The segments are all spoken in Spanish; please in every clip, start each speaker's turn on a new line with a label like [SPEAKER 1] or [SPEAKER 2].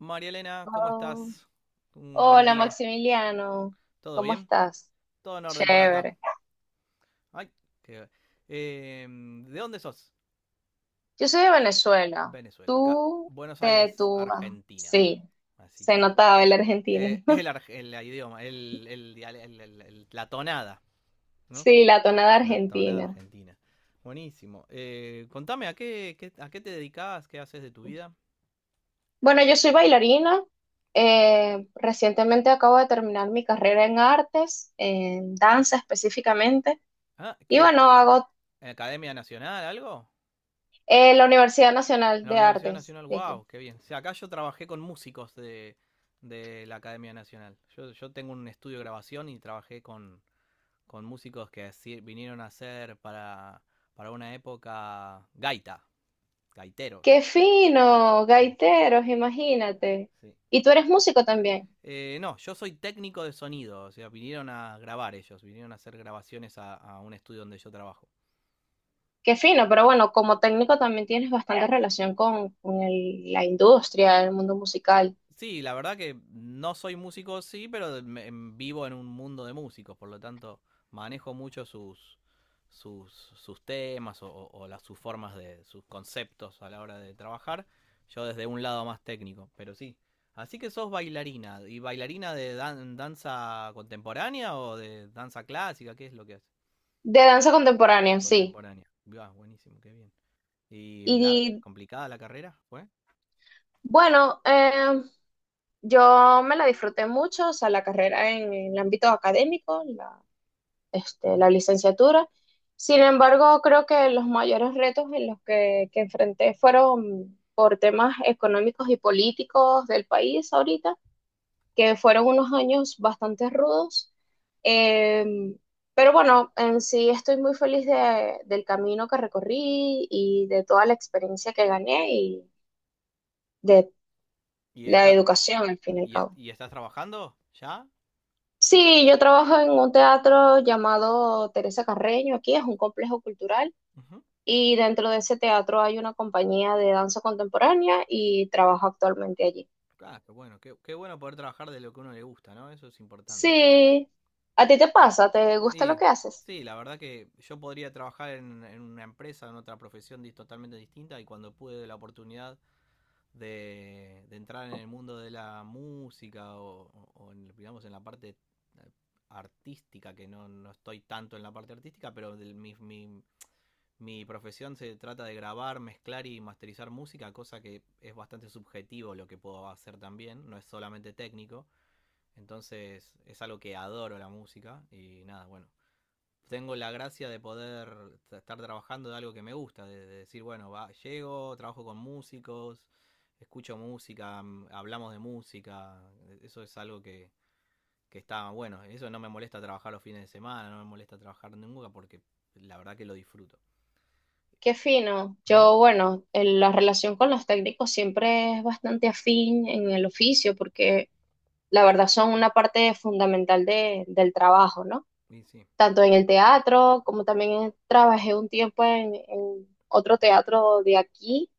[SPEAKER 1] María Elena, ¿cómo
[SPEAKER 2] Oh,
[SPEAKER 1] estás? Un buen
[SPEAKER 2] hola
[SPEAKER 1] día.
[SPEAKER 2] Maximiliano,
[SPEAKER 1] ¿Todo
[SPEAKER 2] ¿cómo
[SPEAKER 1] bien?
[SPEAKER 2] estás?
[SPEAKER 1] Todo en orden por acá.
[SPEAKER 2] Chévere.
[SPEAKER 1] Ay, qué... ¿De dónde sos?
[SPEAKER 2] Yo soy de Venezuela.
[SPEAKER 1] Venezuela, acá.
[SPEAKER 2] Tú
[SPEAKER 1] Buenos
[SPEAKER 2] te
[SPEAKER 1] Aires,
[SPEAKER 2] tú. Ah,
[SPEAKER 1] Argentina.
[SPEAKER 2] sí,
[SPEAKER 1] Así
[SPEAKER 2] se
[SPEAKER 1] que...
[SPEAKER 2] notaba el argentino.
[SPEAKER 1] el, ar- El idioma, el diale- el- la tonada, ¿no?
[SPEAKER 2] Sí, la tonada
[SPEAKER 1] La tonada
[SPEAKER 2] argentina.
[SPEAKER 1] argentina. Buenísimo. Contame, ¿a qué te dedicas? ¿Qué haces de tu vida?
[SPEAKER 2] Bueno, yo soy bailarina. Recientemente acabo de terminar mi carrera en artes, en danza específicamente.
[SPEAKER 1] Ah,
[SPEAKER 2] Y
[SPEAKER 1] ¿qué?
[SPEAKER 2] bueno, hago
[SPEAKER 1] ¿Academia Nacional, algo?
[SPEAKER 2] la Universidad
[SPEAKER 1] En
[SPEAKER 2] Nacional
[SPEAKER 1] la
[SPEAKER 2] de
[SPEAKER 1] Universidad
[SPEAKER 2] Artes
[SPEAKER 1] Nacional,
[SPEAKER 2] de aquí.
[SPEAKER 1] wow, qué bien. O sea, acá yo trabajé con músicos de la Academia Nacional. Yo tengo un estudio de grabación y trabajé con músicos que así vinieron a hacer para una época
[SPEAKER 2] ¡Qué
[SPEAKER 1] gaiteros.
[SPEAKER 2] fino!
[SPEAKER 1] Sí,
[SPEAKER 2] Gaiteros, imagínate.
[SPEAKER 1] sí.
[SPEAKER 2] Y tú eres músico también.
[SPEAKER 1] No, yo soy técnico de sonido, o sea, vinieron a grabar ellos, vinieron a hacer grabaciones a un estudio donde yo trabajo.
[SPEAKER 2] Qué fino, pero bueno, como técnico también tienes bastante relación con, con la industria, el mundo musical.
[SPEAKER 1] Sí, la verdad que no soy músico, sí, pero vivo en un mundo de músicos, por lo tanto manejo mucho sus temas o sus formas de sus conceptos a la hora de trabajar, yo desde un lado más técnico, pero sí. Así que sos bailarina, ¿y bailarina de danza contemporánea o de danza clásica? ¿Qué es lo que haces?
[SPEAKER 2] De danza contemporánea, sí.
[SPEAKER 1] Contemporánea. Ah, buenísimo, qué bien. ¿Y
[SPEAKER 2] Y
[SPEAKER 1] complicada la carrera fue?
[SPEAKER 2] bueno, yo me la disfruté mucho, o sea, la carrera en el ámbito académico, la, este, la
[SPEAKER 1] Ujú.
[SPEAKER 2] licenciatura. Sin embargo, creo que los mayores retos que enfrenté fueron por temas económicos y políticos del país ahorita que fueron unos años bastante rudos. eh, pero bueno, en sí estoy muy feliz del camino que recorrí y de toda la experiencia que gané y de
[SPEAKER 1] ¿Y,
[SPEAKER 2] la
[SPEAKER 1] está,
[SPEAKER 2] educación, al fin y al
[SPEAKER 1] y, est-
[SPEAKER 2] cabo.
[SPEAKER 1] y estás trabajando ya?
[SPEAKER 2] Sí, yo trabajo en un teatro llamado Teresa Carreño, aquí es un complejo cultural y dentro de ese teatro hay una compañía de danza contemporánea y trabajo actualmente allí.
[SPEAKER 1] Ah, qué bueno, qué bueno poder trabajar de lo que a uno le gusta, ¿no? Eso es importante.
[SPEAKER 2] Sí, ¿a ti te pasa? ¿Te gusta lo
[SPEAKER 1] Y
[SPEAKER 2] que haces?
[SPEAKER 1] sí, la verdad que yo podría trabajar en una empresa, en otra profesión totalmente distinta, y cuando pude la oportunidad de entrar en el mundo de la música digamos, en la parte eh, artística, que no, no estoy tanto en la parte artística, pero mi profesión se trata de grabar, mezclar y masterizar música, cosa que es bastante subjetivo lo que puedo hacer también, no es solamente técnico. Entonces es algo que adoro la música y nada, bueno. Tengo la gracia de poder estar trabajando de algo que me gusta, de, decir, bueno, va, llego, trabajo con músicos, escucho música, hablamos de música. Eso es algo que está bueno, eso no me molesta trabajar los fines de semana, no me molesta trabajar nunca, porque la verdad que lo disfruto.
[SPEAKER 2] Qué fino.
[SPEAKER 1] Ujú.
[SPEAKER 2] Yo, bueno, la relación con los técnicos siempre es bastante afín en el oficio porque la verdad son una parte fundamental del trabajo, ¿no?
[SPEAKER 1] Y sí,
[SPEAKER 2] Tanto en el teatro como también trabajé un tiempo en otro teatro de aquí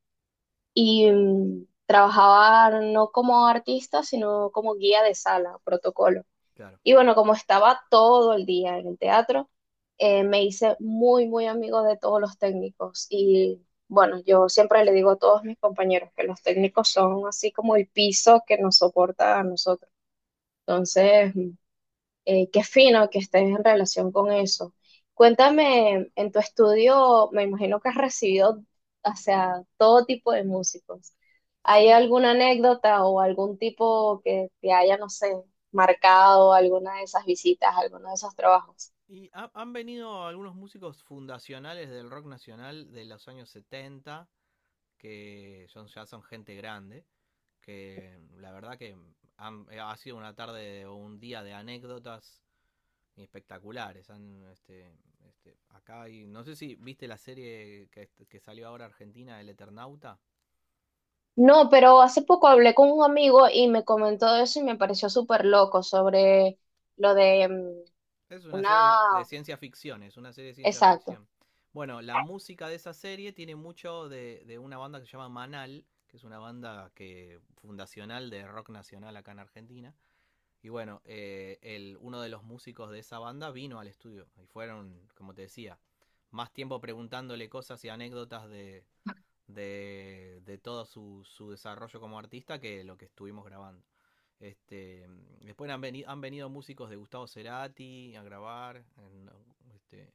[SPEAKER 2] y mm, trabajaba no como artista, sino como guía de sala, protocolo.
[SPEAKER 1] claro.
[SPEAKER 2] Y bueno, como estaba todo el día en el teatro, me hice muy, muy amigo de todos los técnicos. Y bueno, yo siempre le digo a todos mis compañeros que los técnicos son así como el piso que nos soporta a nosotros. Entonces, qué fino que estés en relación con eso. Cuéntame, en tu estudio, me imagino que has recibido, o sea, todo tipo de músicos. ¿Hay
[SPEAKER 1] Sí,
[SPEAKER 2] alguna anécdota o algún tipo que te haya, no sé, marcado alguna de esas visitas, alguno de esos trabajos?
[SPEAKER 1] y han venido algunos músicos fundacionales del rock nacional de los años 70, ya son gente grande, que la verdad que ha sido una tarde o un día de anécdotas espectaculares. Acá hay, no sé si viste la serie que salió ahora argentina, El Eternauta.
[SPEAKER 2] No, pero hace poco hablé con un amigo y me comentó eso y me pareció súper loco sobre lo de
[SPEAKER 1] Es una
[SPEAKER 2] una,
[SPEAKER 1] serie de ciencia ficción, es una serie de ciencia
[SPEAKER 2] exacto,
[SPEAKER 1] ficción. Bueno, la música de esa serie tiene mucho de una banda que se llama Manal, que es una banda que fundacional de rock nacional acá en Argentina. Y bueno, uno de los músicos de esa banda vino al estudio y fueron, como te decía, más tiempo preguntándole cosas y anécdotas de todo su, desarrollo como artista que lo que estuvimos grabando. Este, después han venido músicos de Gustavo Cerati a grabar. Este,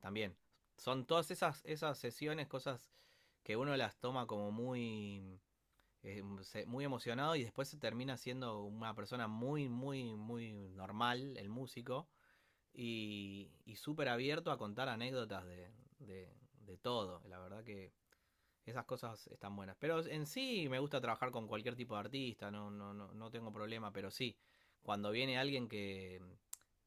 [SPEAKER 1] también son todas esas sesiones, cosas que uno las toma como muy eh, muy emocionado, y después se termina siendo una persona muy, muy, muy normal, el músico, y súper abierto a contar anécdotas de- de todo. La verdad que esas cosas están buenas. Pero en sí me gusta trabajar con cualquier tipo de artista, no, no, no, no tengo problema, pero sí, cuando viene alguien que,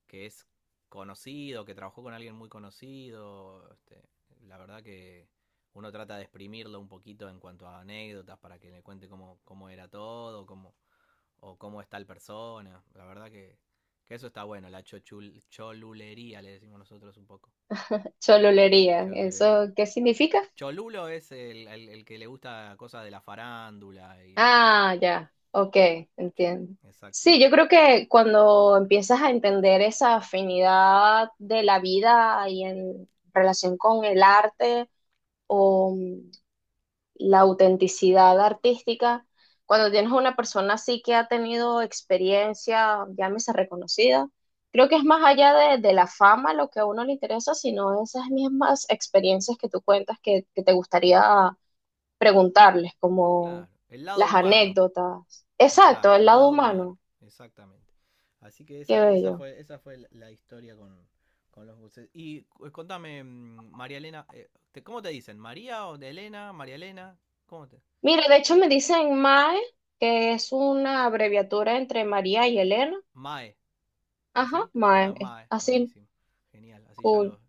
[SPEAKER 1] que es conocido, que trabajó con alguien muy conocido, este, la verdad que uno trata de exprimirlo un poquito en cuanto a anécdotas para que le cuente cómo era todo, cómo es tal persona. La verdad que eso está bueno, la cholulería, le decimos nosotros un poco.
[SPEAKER 2] cholulería.
[SPEAKER 1] Cholulería.
[SPEAKER 2] ¿Eso qué significa?
[SPEAKER 1] Cholulo es el que le gusta cosas de la farándula y los.
[SPEAKER 2] Ah, ya, ok, entiendo.
[SPEAKER 1] Exacto.
[SPEAKER 2] Sí, yo creo que cuando empiezas a entender esa afinidad de la vida y en relación con el arte o mm, la autenticidad artística, cuando tienes una persona así que ha tenido experiencia, llámese reconocida, creo que es más allá de la fama lo que a uno le interesa, sino esas mismas experiencias que tú cuentas que te gustaría preguntarles como
[SPEAKER 1] Claro. El lado
[SPEAKER 2] las
[SPEAKER 1] humano.
[SPEAKER 2] anécdotas. Exacto,
[SPEAKER 1] Exacto,
[SPEAKER 2] el
[SPEAKER 1] el
[SPEAKER 2] lado
[SPEAKER 1] lado humano.
[SPEAKER 2] humano,
[SPEAKER 1] Exactamente. Así que
[SPEAKER 2] qué bello.
[SPEAKER 1] historia con los buses. Y contame, María Elena, ¿cómo te dicen? ¿María o de Elena? ¿María Elena? ¿Cómo te?
[SPEAKER 2] Mire, de hecho me dicen Mae, que es una abreviatura entre María y Elena.
[SPEAKER 1] Mae.
[SPEAKER 2] Ajá,
[SPEAKER 1] ¿Así? Ah,
[SPEAKER 2] Mae, es
[SPEAKER 1] Mae,
[SPEAKER 2] así,
[SPEAKER 1] buenísimo. Genial, así ya
[SPEAKER 2] cool.
[SPEAKER 1] lo.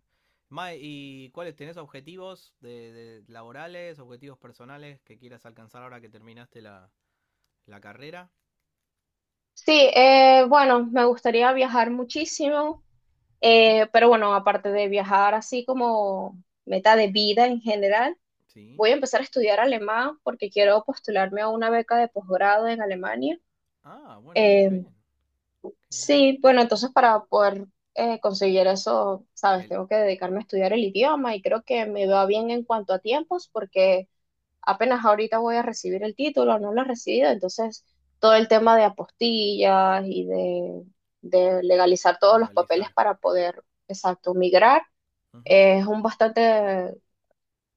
[SPEAKER 1] Mae, ¿y cuáles tenés objetivos de laborales, objetivos personales que quieras alcanzar ahora que terminaste la carrera?
[SPEAKER 2] Sí, bueno, me gustaría viajar muchísimo,
[SPEAKER 1] Ujú.
[SPEAKER 2] pero bueno, aparte de viajar así como meta de vida en general,
[SPEAKER 1] Sí.
[SPEAKER 2] voy a empezar a estudiar alemán porque quiero postularme a una beca de posgrado en Alemania.
[SPEAKER 1] Ah, bueno, qué
[SPEAKER 2] Eh,
[SPEAKER 1] bien, qué bien.
[SPEAKER 2] Sí, bueno, entonces para poder conseguir eso, sabes,
[SPEAKER 1] El
[SPEAKER 2] tengo que dedicarme a estudiar el idioma y creo que me va bien en cuanto a tiempos porque apenas ahorita voy a recibir el título, no lo he recibido, entonces todo el tema de apostillas y de legalizar todos los papeles
[SPEAKER 1] legalizar.
[SPEAKER 2] para poder, exacto, migrar
[SPEAKER 1] Ujú.
[SPEAKER 2] es un bastante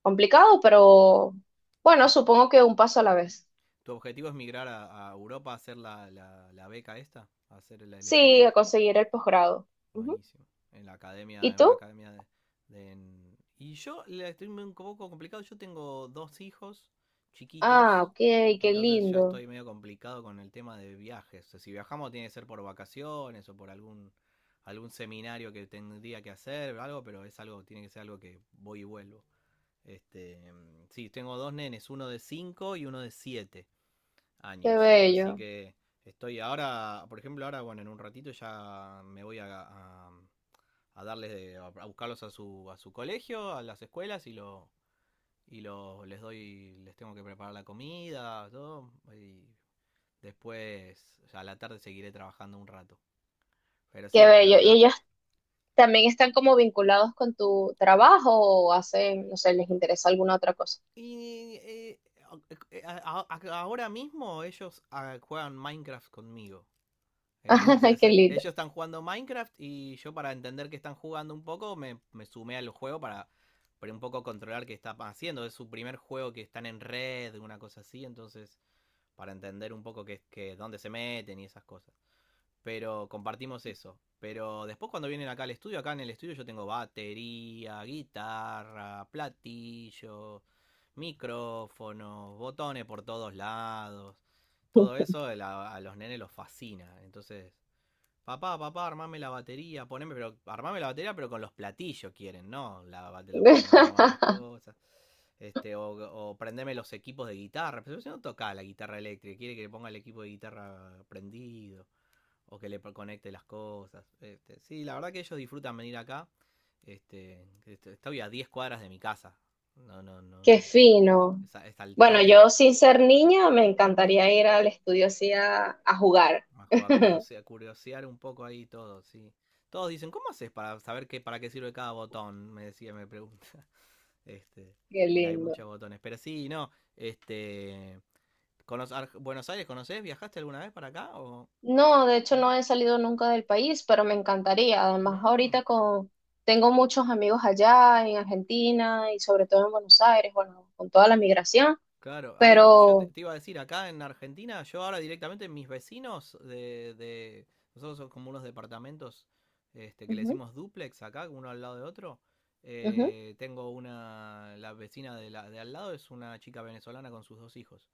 [SPEAKER 2] complicado, pero bueno,
[SPEAKER 1] Di-
[SPEAKER 2] supongo que un paso a la vez.
[SPEAKER 1] ¿Tu objetivo es migrar a Europa a hacer la beca esta? ¿A hacer el
[SPEAKER 2] Sí,
[SPEAKER 1] estudio?
[SPEAKER 2] a
[SPEAKER 1] ¿Sí?
[SPEAKER 2] conseguir el posgrado. Ujú.
[SPEAKER 1] Buenísimo. En la academia,
[SPEAKER 2] ¿Y
[SPEAKER 1] en una
[SPEAKER 2] tú?
[SPEAKER 1] academia de. Y yo le estoy un poco complicado. Yo tengo dos hijos
[SPEAKER 2] Ah,
[SPEAKER 1] chiquitos.
[SPEAKER 2] ok, qué
[SPEAKER 1] Entonces ya
[SPEAKER 2] lindo.
[SPEAKER 1] estoy medio complicado con el tema de viajes. O sea, si viajamos tiene que ser por vacaciones o por algún seminario que tendría que hacer o algo, pero es algo, tiene que ser algo que voy y vuelvo. Este, mm, sí, tengo dos nenes, uno de 5 y uno de siete
[SPEAKER 2] Qué
[SPEAKER 1] años. Así
[SPEAKER 2] bello,
[SPEAKER 1] que estoy ahora, por ejemplo, ahora, bueno, en un ratito ya me voy a darles, a buscarlos a a su colegio, a las escuelas, y les doy, les tengo que preparar la comida, todo. Y después, ya a la tarde seguiré trabajando un rato. Pero
[SPEAKER 2] qué
[SPEAKER 1] sí, la
[SPEAKER 2] bello. ¿Y
[SPEAKER 1] verdad.
[SPEAKER 2] ellos también están como vinculados con tu trabajo o hacen, no sé, les interesa alguna otra cosa?
[SPEAKER 1] Y ahora mismo ellos juegan Minecraft conmigo.
[SPEAKER 2] Qué lindo.
[SPEAKER 1] Ellos están jugando Minecraft, y yo para entender que están jugando, un poco me sumé al juego para un poco controlar qué están haciendo. Es su primer juego que están en red, una cosa así, entonces para entender un poco dónde se meten y esas cosas. Pero compartimos eso. Pero después cuando vienen acá al estudio, acá en el estudio yo tengo batería, guitarra, platillo, micrófonos, botones por todos lados. Todo eso a los nenes los fascina. Entonces, papá, papá, armame la batería, poneme, pero armame la batería, pero con los platillos, quieren, ¿no? La, te lo ponen nada más las cosas. Este, o prendeme los equipos de guitarra. Pero si no toca la guitarra eléctrica, quiere que le ponga el equipo de guitarra prendido, o que le conecte las cosas. Este, sí, la verdad que ellos disfrutan venir acá. Este, estoy a 10 cuadras de mi casa. No, no, no.
[SPEAKER 2] Qué fino.
[SPEAKER 1] Es al
[SPEAKER 2] Bueno,
[SPEAKER 1] toque.
[SPEAKER 2] yo sin ser niña me encantaría ir al estudio así a jugar.
[SPEAKER 1] Más juega a curiosear, curiosear un poco ahí todo, sí. Todos dicen, ¿cómo haces para saber para qué sirve cada botón? Me decía, me pregunta. Este,
[SPEAKER 2] Qué
[SPEAKER 1] porque hay
[SPEAKER 2] lindo.
[SPEAKER 1] muchos botones. Pero sí, no, este... ¿Buenos Aires conoces? ¿Viajaste alguna vez para acá?
[SPEAKER 2] No, de hecho no
[SPEAKER 1] ¿No?
[SPEAKER 2] he salido nunca del país, pero me encantaría. Además,
[SPEAKER 1] Mm.
[SPEAKER 2] ahorita con tengo muchos amigos allá en Argentina y sobre todo en Buenos Aires, bueno, con toda la migración,
[SPEAKER 1] Claro, yo
[SPEAKER 2] pero
[SPEAKER 1] te iba a decir, acá en Argentina, yo ahora directamente mis vecinos nosotros somos como unos departamentos, este, que le
[SPEAKER 2] ujú,
[SPEAKER 1] decimos duplex acá, uno al lado de otro.
[SPEAKER 2] ujú.
[SPEAKER 1] Tengo la vecina de al lado es una chica venezolana con sus dos hijos.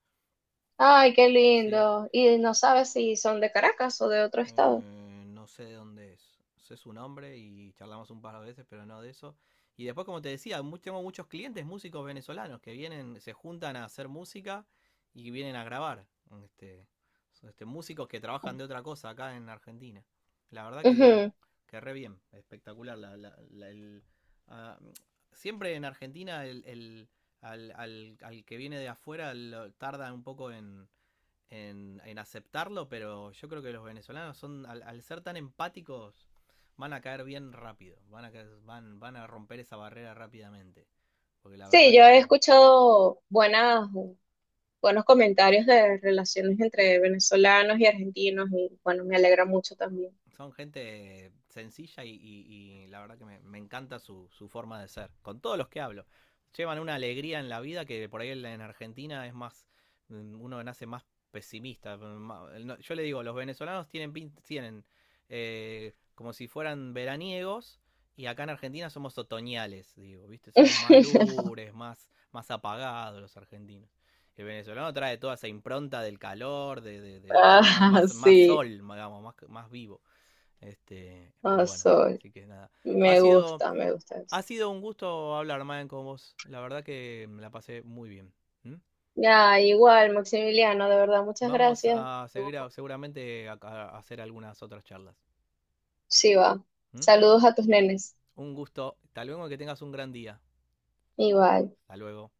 [SPEAKER 2] Ay, qué
[SPEAKER 1] Sí.
[SPEAKER 2] lindo. Y no sabes si son de Caracas o de otro estado.
[SPEAKER 1] No sé de dónde es. Sé su nombre y charlamos un par de veces, pero no de eso. Y después, como te decía, tengo muchos clientes músicos venezolanos que vienen, se juntan a hacer música y vienen a grabar. Este, son, músicos que trabajan de otra cosa acá en Argentina. La verdad que,
[SPEAKER 2] Ujú.
[SPEAKER 1] que re bien, espectacular. Ah, Siempre en Argentina al que viene de afuera tarda un poco en, aceptarlo, pero yo creo que los venezolanos son, al ser tan empáticos, van a caer bien rápido, van a romper esa barrera rápidamente. Porque la
[SPEAKER 2] Sí,
[SPEAKER 1] verdad
[SPEAKER 2] yo he
[SPEAKER 1] que
[SPEAKER 2] escuchado buenas, buenos comentarios de relaciones entre venezolanos y argentinos y bueno, me alegra mucho también.
[SPEAKER 1] son gente sencilla y, la verdad que me encanta su forma de ser. Con todos los que hablo. Llevan una alegría en la vida que por ahí en Argentina es más, uno nace más pesimista. No, yo le digo, los venezolanos tienen, tienen como si fueran veraniegos, y acá en Argentina somos otoñales, digo, ¿viste? Somos más lures, más, más apagados los argentinos. El venezolano trae toda esa impronta del calor, de más,
[SPEAKER 2] Ah,
[SPEAKER 1] más, más
[SPEAKER 2] sí,
[SPEAKER 1] sol, digamos, más, más vivo. Este, pero
[SPEAKER 2] ah,
[SPEAKER 1] bueno,
[SPEAKER 2] soy.
[SPEAKER 1] así que nada. Ha sido,
[SPEAKER 2] Me gusta
[SPEAKER 1] ha
[SPEAKER 2] eso.
[SPEAKER 1] sido un gusto hablar, Maen, con vos. La verdad que me la pasé muy bien. ¿Mm?
[SPEAKER 2] Ya, igual, Maximiliano, de verdad, muchas
[SPEAKER 1] Vamos
[SPEAKER 2] gracias.
[SPEAKER 1] a
[SPEAKER 2] Estuvo
[SPEAKER 1] seguir
[SPEAKER 2] cool.
[SPEAKER 1] seguramente a hacer algunas otras charlas.
[SPEAKER 2] Sí, va.
[SPEAKER 1] ¿Mm?
[SPEAKER 2] Saludos a tus nenes.
[SPEAKER 1] Un gusto. Hasta luego, que tengas un gran día.
[SPEAKER 2] Igual.
[SPEAKER 1] Hasta luego.